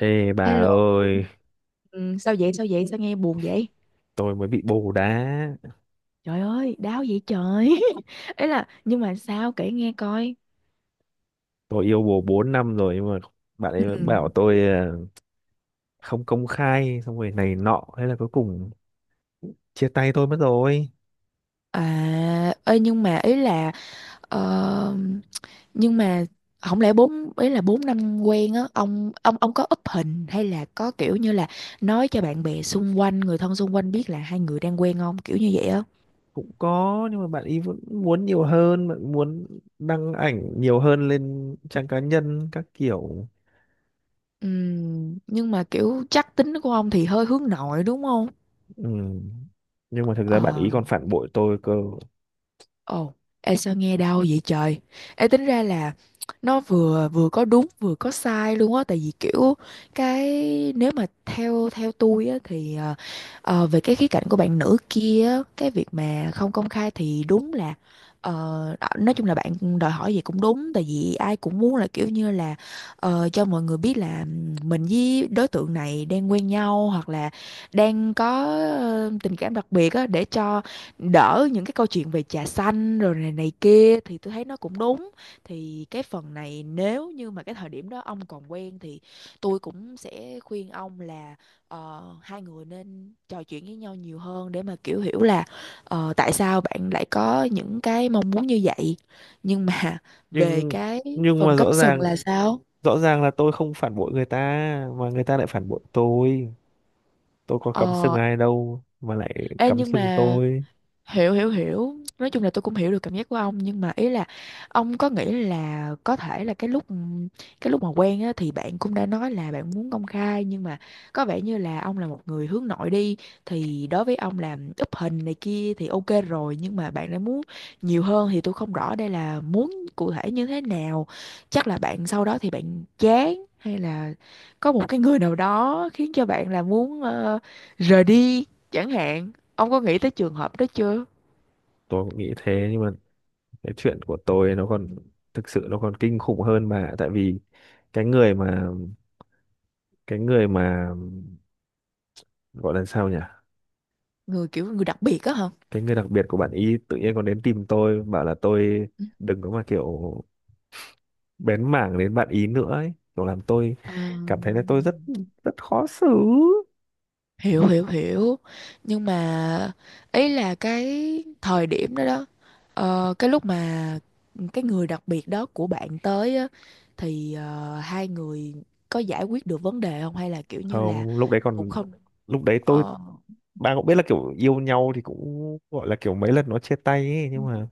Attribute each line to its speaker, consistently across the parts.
Speaker 1: Ê bà
Speaker 2: Hello.
Speaker 1: ơi,
Speaker 2: Ừ, sao vậy? Sao vậy? Sao nghe buồn vậy?
Speaker 1: tôi mới bị bồ đá.
Speaker 2: Trời ơi, đau vậy trời. Ý là nhưng mà sao kể nghe coi.
Speaker 1: Tôi yêu bồ 4 năm rồi nhưng mà bạn ấy vẫn
Speaker 2: Ừ.
Speaker 1: bảo tôi không công khai xong rồi này nọ, thế là cuối cùng chia tay tôi mất rồi.
Speaker 2: À, ơi, nhưng mà ý là ờ, nhưng mà không lẽ bốn, ý là bốn năm quen á, ông có up hình hay là có kiểu như là nói cho bạn bè xung quanh, người thân xung quanh biết là hai người đang quen không? Kiểu như vậy á.
Speaker 1: Cũng có nhưng mà bạn ấy vẫn muốn nhiều hơn, bạn muốn đăng ảnh nhiều hơn lên trang cá nhân các kiểu.
Speaker 2: Ừ, nhưng mà kiểu chắc tính của ông thì hơi hướng nội đúng không?
Speaker 1: Ừ. Nhưng mà thực ra bạn ấy
Speaker 2: Ờ.
Speaker 1: còn phản bội tôi cơ.
Speaker 2: Ồ, em sao nghe đau vậy trời? Em tính ra là nó vừa vừa có đúng vừa có sai luôn á, tại vì kiểu cái, nếu mà theo theo tôi á thì về cái khía cạnh của bạn nữ kia á, cái việc mà không công khai thì đúng là ờ, nói chung là bạn đòi hỏi gì cũng đúng, tại vì ai cũng muốn là kiểu như là cho mọi người biết là mình với đối tượng này đang quen nhau, hoặc là đang có tình cảm đặc biệt á, để cho đỡ những cái câu chuyện về trà xanh rồi này này kia, thì tôi thấy nó cũng đúng. Thì cái phần này, nếu như mà cái thời điểm đó ông còn quen thì tôi cũng sẽ khuyên ông là hai người nên trò chuyện với nhau nhiều hơn để mà kiểu hiểu là tại sao bạn lại có những cái mong muốn như vậy, nhưng mà về
Speaker 1: Nhưng
Speaker 2: cái
Speaker 1: nhưng mà
Speaker 2: phần cắm
Speaker 1: rõ
Speaker 2: sừng
Speaker 1: ràng
Speaker 2: là sao.
Speaker 1: rõ ràng là tôi không phản bội người ta mà người ta lại phản bội tôi. Tôi có cắm sừng
Speaker 2: ờ
Speaker 1: ai đâu mà lại
Speaker 2: Ê,
Speaker 1: cắm
Speaker 2: nhưng
Speaker 1: sừng
Speaker 2: mà
Speaker 1: tôi.
Speaker 2: hiểu hiểu hiểu, nói chung là tôi cũng hiểu được cảm giác của ông, nhưng mà ý là ông có nghĩ là có thể là cái lúc mà quen á, thì bạn cũng đã nói là bạn muốn công khai, nhưng mà có vẻ như là ông là một người hướng nội đi, thì đối với ông là úp hình này kia thì ok rồi, nhưng mà bạn đã muốn nhiều hơn thì tôi không rõ đây là muốn cụ thể như thế nào. Chắc là bạn sau đó thì bạn chán, hay là có một cái người nào đó khiến cho bạn là muốn rời đi chẳng hạn. Ông có nghĩ tới trường hợp đó chưa?
Speaker 1: Tôi cũng nghĩ thế nhưng mà cái chuyện của tôi nó còn thực sự nó còn kinh khủng hơn, mà tại vì cái người mà cái người mà gọi là sao nhỉ,
Speaker 2: Người, kiểu người đặc biệt á hả?
Speaker 1: cái người đặc biệt của bạn ý tự nhiên còn đến tìm tôi bảo là tôi
Speaker 2: Ừ.
Speaker 1: đừng có mà kiểu bén mảng đến bạn ý nữa ấy, kiểu làm tôi
Speaker 2: À.
Speaker 1: cảm thấy là tôi rất rất khó xử.
Speaker 2: Hiểu hiểu hiểu, nhưng mà ý là cái thời điểm đó đó cái lúc mà cái người đặc biệt đó của bạn tới á, thì hai người có giải quyết được vấn đề không, hay là kiểu như là
Speaker 1: Không, lúc đấy
Speaker 2: cũng
Speaker 1: còn
Speaker 2: không
Speaker 1: lúc đấy tôi,
Speaker 2: ờ,
Speaker 1: bạn cũng biết là kiểu yêu nhau thì cũng gọi là kiểu mấy lần nó chia tay ấy, nhưng mà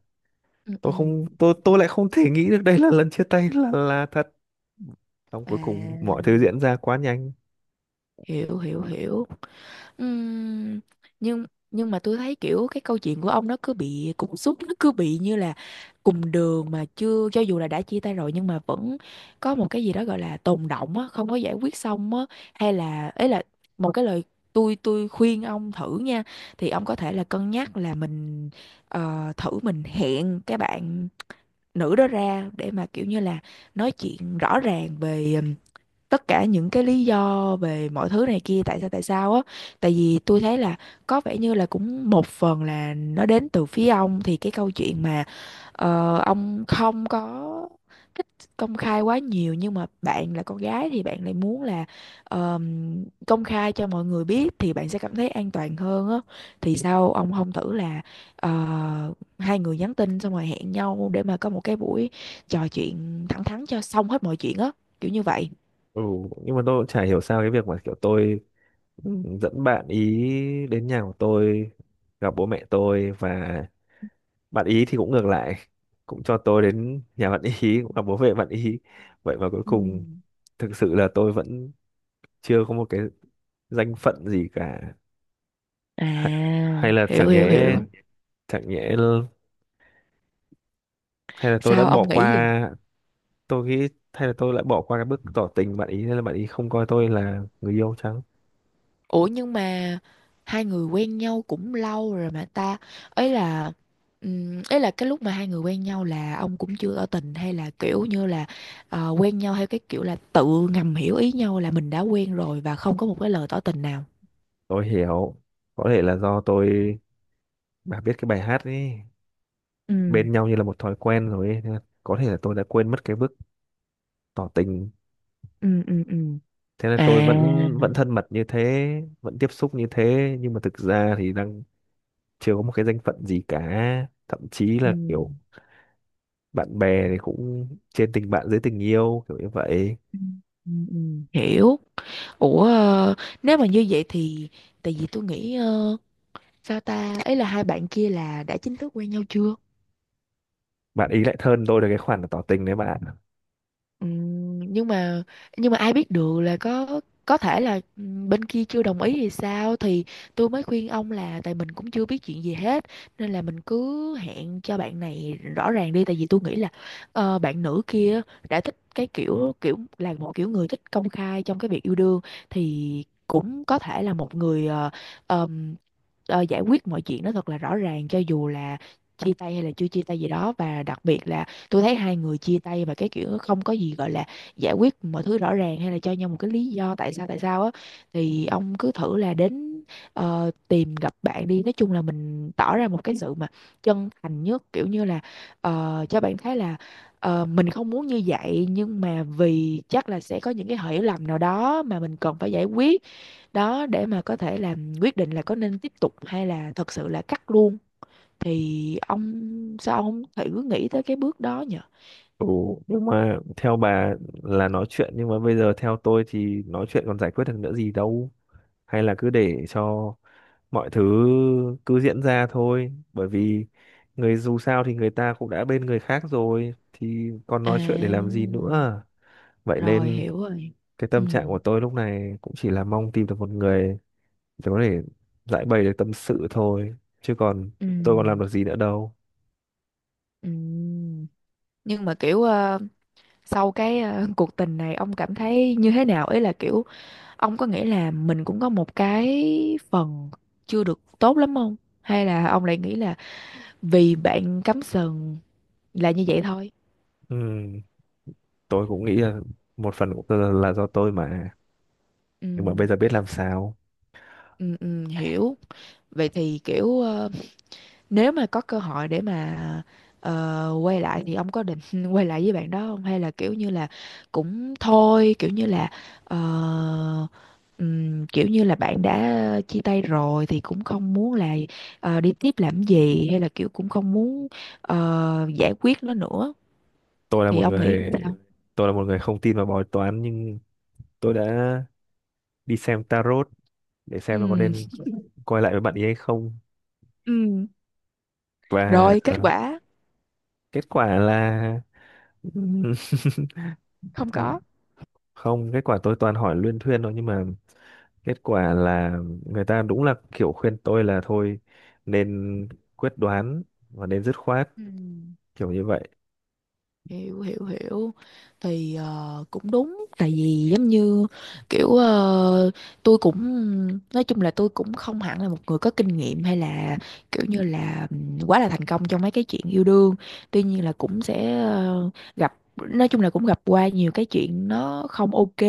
Speaker 2: ừ,
Speaker 1: tôi
Speaker 2: ừ.
Speaker 1: không tôi tôi lại không thể nghĩ được đây là lần chia tay là thật, xong cuối cùng
Speaker 2: À,
Speaker 1: mọi thứ diễn ra quá nhanh.
Speaker 2: hiểu hiểu hiểu. Ừm, nhưng nhưng mà tôi thấy kiểu cái câu chuyện của ông nó cứ bị cục súc, nó cứ bị như là cùng đường mà chưa, cho dù là đã chia tay rồi nhưng mà vẫn có một cái gì đó gọi là tồn đọng á, không có giải quyết xong á, hay là ấy là một cái lời, tôi khuyên ông thử nha, thì ông có thể là cân nhắc là mình thử mình hẹn cái bạn nữ đó ra để mà kiểu như là nói chuyện rõ ràng về tất cả những cái lý do về mọi thứ này kia, tại sao á, tại vì tôi thấy là có vẻ như là cũng một phần là nó đến từ phía ông, thì cái câu chuyện mà ông không có thích công khai quá nhiều, nhưng mà bạn là con gái thì bạn lại muốn là công khai cho mọi người biết thì bạn sẽ cảm thấy an toàn hơn á, thì sao ông không thử là ờ, hai người nhắn tin xong rồi hẹn nhau để mà có một cái buổi trò chuyện thẳng thắn cho xong hết mọi chuyện á, kiểu như vậy.
Speaker 1: Ừ, nhưng mà tôi cũng chả hiểu sao cái việc mà kiểu tôi, ừ, dẫn bạn ý đến nhà của tôi gặp bố mẹ tôi, và bạn ý thì cũng ngược lại cũng cho tôi đến nhà bạn ý cũng gặp bố mẹ bạn ý, vậy mà cuối
Speaker 2: Ừ.
Speaker 1: cùng thực sự là tôi vẫn chưa có một cái danh phận gì cả.
Speaker 2: À,
Speaker 1: Ha- Hay là
Speaker 2: hiểu
Speaker 1: chẳng
Speaker 2: hiểu
Speaker 1: nhẽ,
Speaker 2: hiểu.
Speaker 1: chẳng nhẽ l- hay là tôi đã
Speaker 2: Sao ông
Speaker 1: bỏ
Speaker 2: nghĩ gì?
Speaker 1: qua. Tôi nghĩ hay là tôi lại bỏ qua cái bước tỏ tình bạn ý nên là bạn ý không coi tôi là người yêu chăng.
Speaker 2: Ủa nhưng mà hai người quen nhau cũng lâu rồi mà ta. Ấy là cái lúc mà hai người quen nhau là ông cũng chưa tỏ tình, hay là kiểu như là quen nhau theo cái kiểu là tự ngầm hiểu ý nhau là mình đã quen rồi và không có một cái lời tỏ tình nào.
Speaker 1: Tôi hiểu, có thể là do tôi, bà biết cái bài hát ấy,
Speaker 2: Ừ,
Speaker 1: bên nhau như là một thói quen rồi ấy. Nên là có thể là tôi đã quên mất cái bước tỏ tình.
Speaker 2: ừ, ừ, ừ.
Speaker 1: Thế là
Speaker 2: À,
Speaker 1: tôi vẫn vẫn thân mật như thế, vẫn tiếp xúc như thế, nhưng mà thực ra thì đang chưa có một cái danh phận gì cả, thậm chí
Speaker 2: ừ.
Speaker 1: là kiểu bạn bè thì cũng trên tình bạn dưới tình yêu kiểu như vậy.
Speaker 2: Ừ. Ừ, ừ, hiểu. Ủa, nếu mà như vậy thì, tại vì tôi nghĩ sao ta, ấy là hai bạn kia là đã chính thức quen nhau chưa?
Speaker 1: Bạn ý lại hơn tôi được cái khoản là tỏ tình đấy bạn ạ.
Speaker 2: Ừm, nhưng mà nhưng mà ai biết được là có thể là bên kia chưa đồng ý thì sao, thì tôi mới khuyên ông là tại mình cũng chưa biết chuyện gì hết, nên là mình cứ hẹn cho bạn này rõ ràng đi, tại vì tôi nghĩ là bạn nữ kia đã thích cái kiểu kiểu là một kiểu người thích công khai trong cái việc yêu đương, thì cũng có thể là một người ờm, giải quyết mọi chuyện nó thật là rõ ràng, cho dù là chia tay hay là chưa chia tay gì đó. Và đặc biệt là tôi thấy hai người chia tay và cái kiểu không có gì gọi là giải quyết mọi thứ rõ ràng, hay là cho nhau một cái lý do tại sao á, thì ông cứ thử là đến tìm gặp bạn đi, nói chung là mình tỏ ra một cái sự mà chân thành nhất, kiểu như là cho bạn thấy là mình không muốn như vậy, nhưng mà vì chắc là sẽ có những cái hiểu lầm nào đó mà mình cần phải giải quyết, đó để mà có thể làm quyết định là có nên tiếp tục hay là thật sự là cắt luôn, thì ông sao ông thử nghĩ tới cái bước đó nhỉ.
Speaker 1: Ừ, nhưng mà theo bà là nói chuyện, nhưng mà bây giờ theo tôi thì nói chuyện còn giải quyết được nữa gì đâu, hay là cứ để cho mọi thứ cứ diễn ra thôi, bởi vì người, dù sao thì người ta cũng đã bên người khác rồi thì còn
Speaker 2: À,
Speaker 1: nói chuyện để làm gì nữa. Vậy
Speaker 2: rồi
Speaker 1: nên
Speaker 2: hiểu rồi.
Speaker 1: cái
Speaker 2: Ừ,
Speaker 1: tâm trạng của tôi lúc này cũng chỉ là mong tìm được một người để có thể giải bày được tâm sự thôi, chứ còn
Speaker 2: ừ,
Speaker 1: tôi còn làm được gì nữa đâu.
Speaker 2: ừ. Nhưng mà kiểu sau cái cuộc tình này ông cảm thấy như thế nào? Ý là kiểu ông có nghĩ là mình cũng có một cái phần chưa được tốt lắm không? Hay là ông lại nghĩ là vì bạn cắm sừng là như vậy thôi?
Speaker 1: Ừ, tôi cũng nghĩ là một phần cũng là do tôi mà,
Speaker 2: Ừ,
Speaker 1: nhưng mà bây giờ biết làm sao.
Speaker 2: ừ, ừ, hiểu. Vậy thì kiểu nếu mà có cơ hội để mà quay lại thì ông có định quay lại với bạn đó không? Hay là kiểu như là cũng thôi, kiểu như là ờ, kiểu như là bạn đã chia tay rồi thì cũng không muốn là đi tiếp làm gì, hay là kiểu cũng không muốn giải quyết nó nữa,
Speaker 1: tôi là
Speaker 2: thì
Speaker 1: một
Speaker 2: ông nghĩ
Speaker 1: người
Speaker 2: sao?
Speaker 1: tôi là một người không tin vào bói toán, nhưng tôi đã đi xem tarot để xem nó có
Speaker 2: Ừ,
Speaker 1: nên quay lại với bạn ấy hay không.
Speaker 2: ừ.
Speaker 1: Và
Speaker 2: Rồi kết quả
Speaker 1: kết quả là
Speaker 2: không có.
Speaker 1: không, kết quả tôi toàn hỏi luyên thuyên thôi, nhưng mà kết quả là người ta đúng là kiểu khuyên tôi là thôi nên quyết đoán và nên dứt khoát
Speaker 2: Ừ.
Speaker 1: kiểu như vậy.
Speaker 2: Hiểu hiểu hiểu, thì cũng đúng, tại vì giống như kiểu tôi cũng, nói chung là tôi cũng không hẳn là một người có kinh nghiệm, hay là kiểu như là quá là thành công trong mấy cái chuyện yêu đương, tuy nhiên là cũng sẽ gặp, nói chung là cũng gặp qua nhiều cái chuyện nó không ok,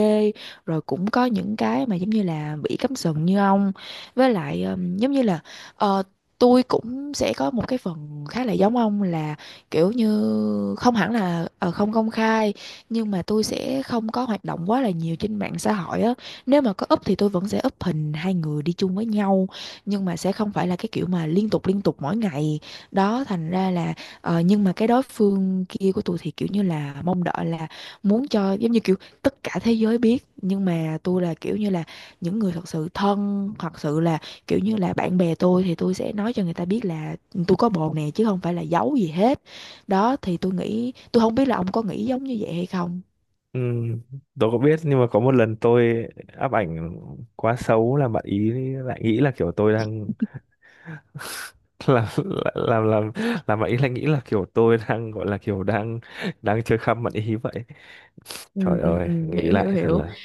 Speaker 2: rồi cũng có những cái mà giống như là bị cắm sừng như ông, với lại giống như là ờ, tôi cũng sẽ có một cái phần khá là giống ông, là kiểu như không hẳn là không công khai, nhưng mà tôi sẽ không có hoạt động quá là nhiều trên mạng xã hội á, nếu mà có up thì tôi vẫn sẽ up hình hai người đi chung với nhau, nhưng mà sẽ không phải là cái kiểu mà liên tục mỗi ngày đó, thành ra là nhưng mà cái đối phương kia của tôi thì kiểu như là mong đợi là muốn cho giống như kiểu tất cả thế giới biết, nhưng mà tôi là kiểu như là những người thật sự thân, thật sự là kiểu như là bạn bè tôi, thì tôi sẽ nói cho người ta biết là tôi có bồ nè, chứ không phải là giấu gì hết đó, thì tôi nghĩ, tôi không biết là ông có nghĩ giống như vậy hay không?
Speaker 1: Ừ, tôi có biết nhưng mà có một lần tôi áp ảnh quá xấu là bạn ý lại nghĩ là kiểu tôi đang làm làm làm làm bạn ý lại nghĩ là kiểu tôi đang gọi là kiểu đang đang chơi khăm bạn ý vậy. Trời ơi nghĩ
Speaker 2: Hiểu, hiểu,
Speaker 1: lại thật
Speaker 2: hiểu.
Speaker 1: là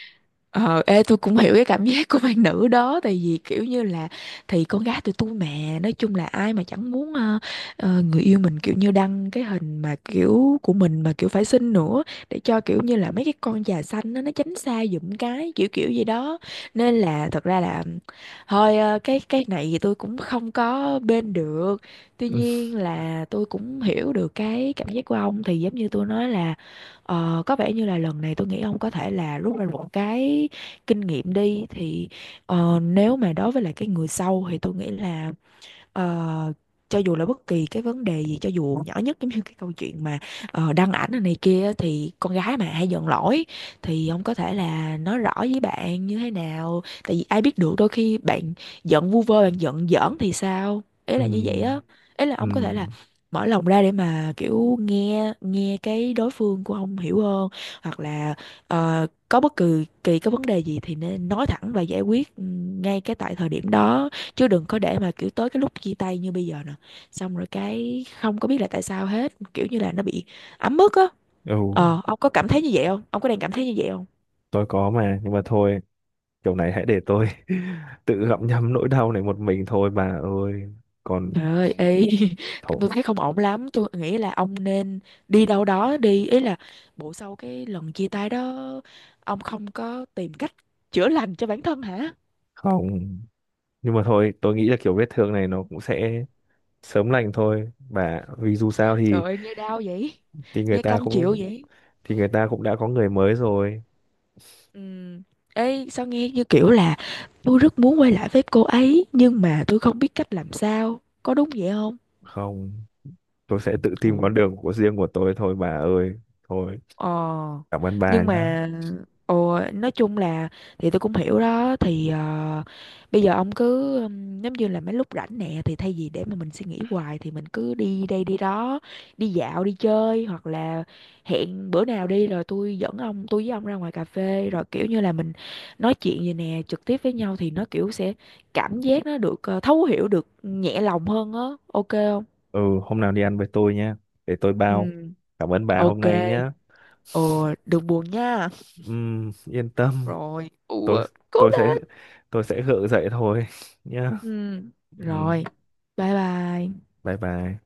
Speaker 2: Ờ, ê, tôi cũng hiểu cái cảm giác của bạn nữ đó, tại vì kiểu như là thì con gái tụi tôi mà, nói chung là ai mà chẳng muốn người yêu mình kiểu như đăng cái hình mà kiểu của mình mà kiểu phải xinh nữa, để cho kiểu như là mấy cái con già xanh nó tránh xa giùm, cái kiểu kiểu gì đó, nên là thật ra là thôi cái này thì tôi cũng không có bên được, tuy
Speaker 1: ừ,
Speaker 2: nhiên là tôi cũng hiểu được cái cảm giác của ông, thì giống như tôi nói là, ờ, có vẻ như là lần này tôi nghĩ ông có thể là rút ra một cái kinh nghiệm đi, thì nếu mà đối với lại cái người sau thì tôi nghĩ là, ờ, cho dù là bất kỳ cái vấn đề gì, cho dù nhỏ nhất, giống như cái câu chuyện mà đăng ảnh này này kia á, thì con gái mà hay giận lỗi, thì ông có thể là nói rõ với bạn như thế nào, tại vì ai biết được đôi khi bạn giận vu vơ, bạn giận giỡn thì sao, ý
Speaker 1: ừ,
Speaker 2: là như vậy á, ý là
Speaker 1: ừ,
Speaker 2: ông có thể là mở lòng ra để mà kiểu nghe nghe cái đối phương của ông hiểu hơn, hoặc là có bất kỳ kỳ cái vấn đề gì thì nên nói thẳng và giải quyết ngay cái tại thời điểm đó, chứ đừng có để mà kiểu tới cái lúc chia tay như bây giờ nè, xong rồi cái không có biết là tại sao hết, kiểu như là nó bị ấm ức á.
Speaker 1: ừ,
Speaker 2: Ờ, ông có cảm thấy như vậy không, ông có đang cảm thấy như vậy không?
Speaker 1: tôi có mà nhưng mà thôi, kiểu này hãy để tôi tự gặm nhấm nỗi đau này một mình thôi bà ơi. Còn
Speaker 2: Trời ơi, ê,
Speaker 1: thôi,
Speaker 2: tôi thấy không ổn lắm, tôi nghĩ là ông nên đi đâu đó đi, ý là bộ sau cái lần chia tay đó ông không có tìm cách chữa lành cho bản thân hả?
Speaker 1: không, nhưng mà thôi tôi nghĩ là kiểu vết thương này nó cũng sẽ sớm lành thôi bà, vì dù sao
Speaker 2: Trời
Speaker 1: thì
Speaker 2: ơi nghe đau vậy,
Speaker 1: thì người
Speaker 2: nghe
Speaker 1: ta
Speaker 2: cam chịu
Speaker 1: cũng
Speaker 2: vậy.
Speaker 1: thì người ta cũng đã có người mới rồi.
Speaker 2: Ừm. Ê, sao nghe như kiểu là tôi rất muốn quay lại với cô ấy nhưng mà tôi không biết cách làm sao. Có đúng vậy không?
Speaker 1: Không, tôi sẽ tự tìm
Speaker 2: Ủa.
Speaker 1: con đường của riêng của tôi thôi bà ơi. Thôi,
Speaker 2: Ờ,
Speaker 1: cảm ơn bà
Speaker 2: nhưng
Speaker 1: nhá.
Speaker 2: mà ồ, nói chung là thì tôi cũng hiểu đó, thì bây giờ ông cứ giống như là mấy lúc rảnh nè, thì thay vì để mà mình suy nghĩ hoài thì mình cứ đi đây đi đó, đi dạo đi chơi, hoặc là hẹn bữa nào đi rồi tôi với ông ra ngoài cà phê, rồi kiểu như là mình nói chuyện vậy nè trực tiếp với nhau, thì nó kiểu sẽ cảm giác nó được thấu hiểu, được nhẹ lòng hơn á, ok không?
Speaker 1: Ừ, hôm nào đi ăn với tôi nhá, để tôi bao.
Speaker 2: Ừ,
Speaker 1: Cảm ơn bà hôm
Speaker 2: ok.
Speaker 1: nay nhá.
Speaker 2: Ồ, đừng buồn nha.
Speaker 1: Yên tâm,
Speaker 2: Rồi,
Speaker 1: tôi
Speaker 2: ủa cố
Speaker 1: tôi sẽ
Speaker 2: lên.
Speaker 1: tôi sẽ gượng dậy thôi nhá.
Speaker 2: Ừ,
Speaker 1: Ừm,
Speaker 2: rồi, bye bye.
Speaker 1: bye bye.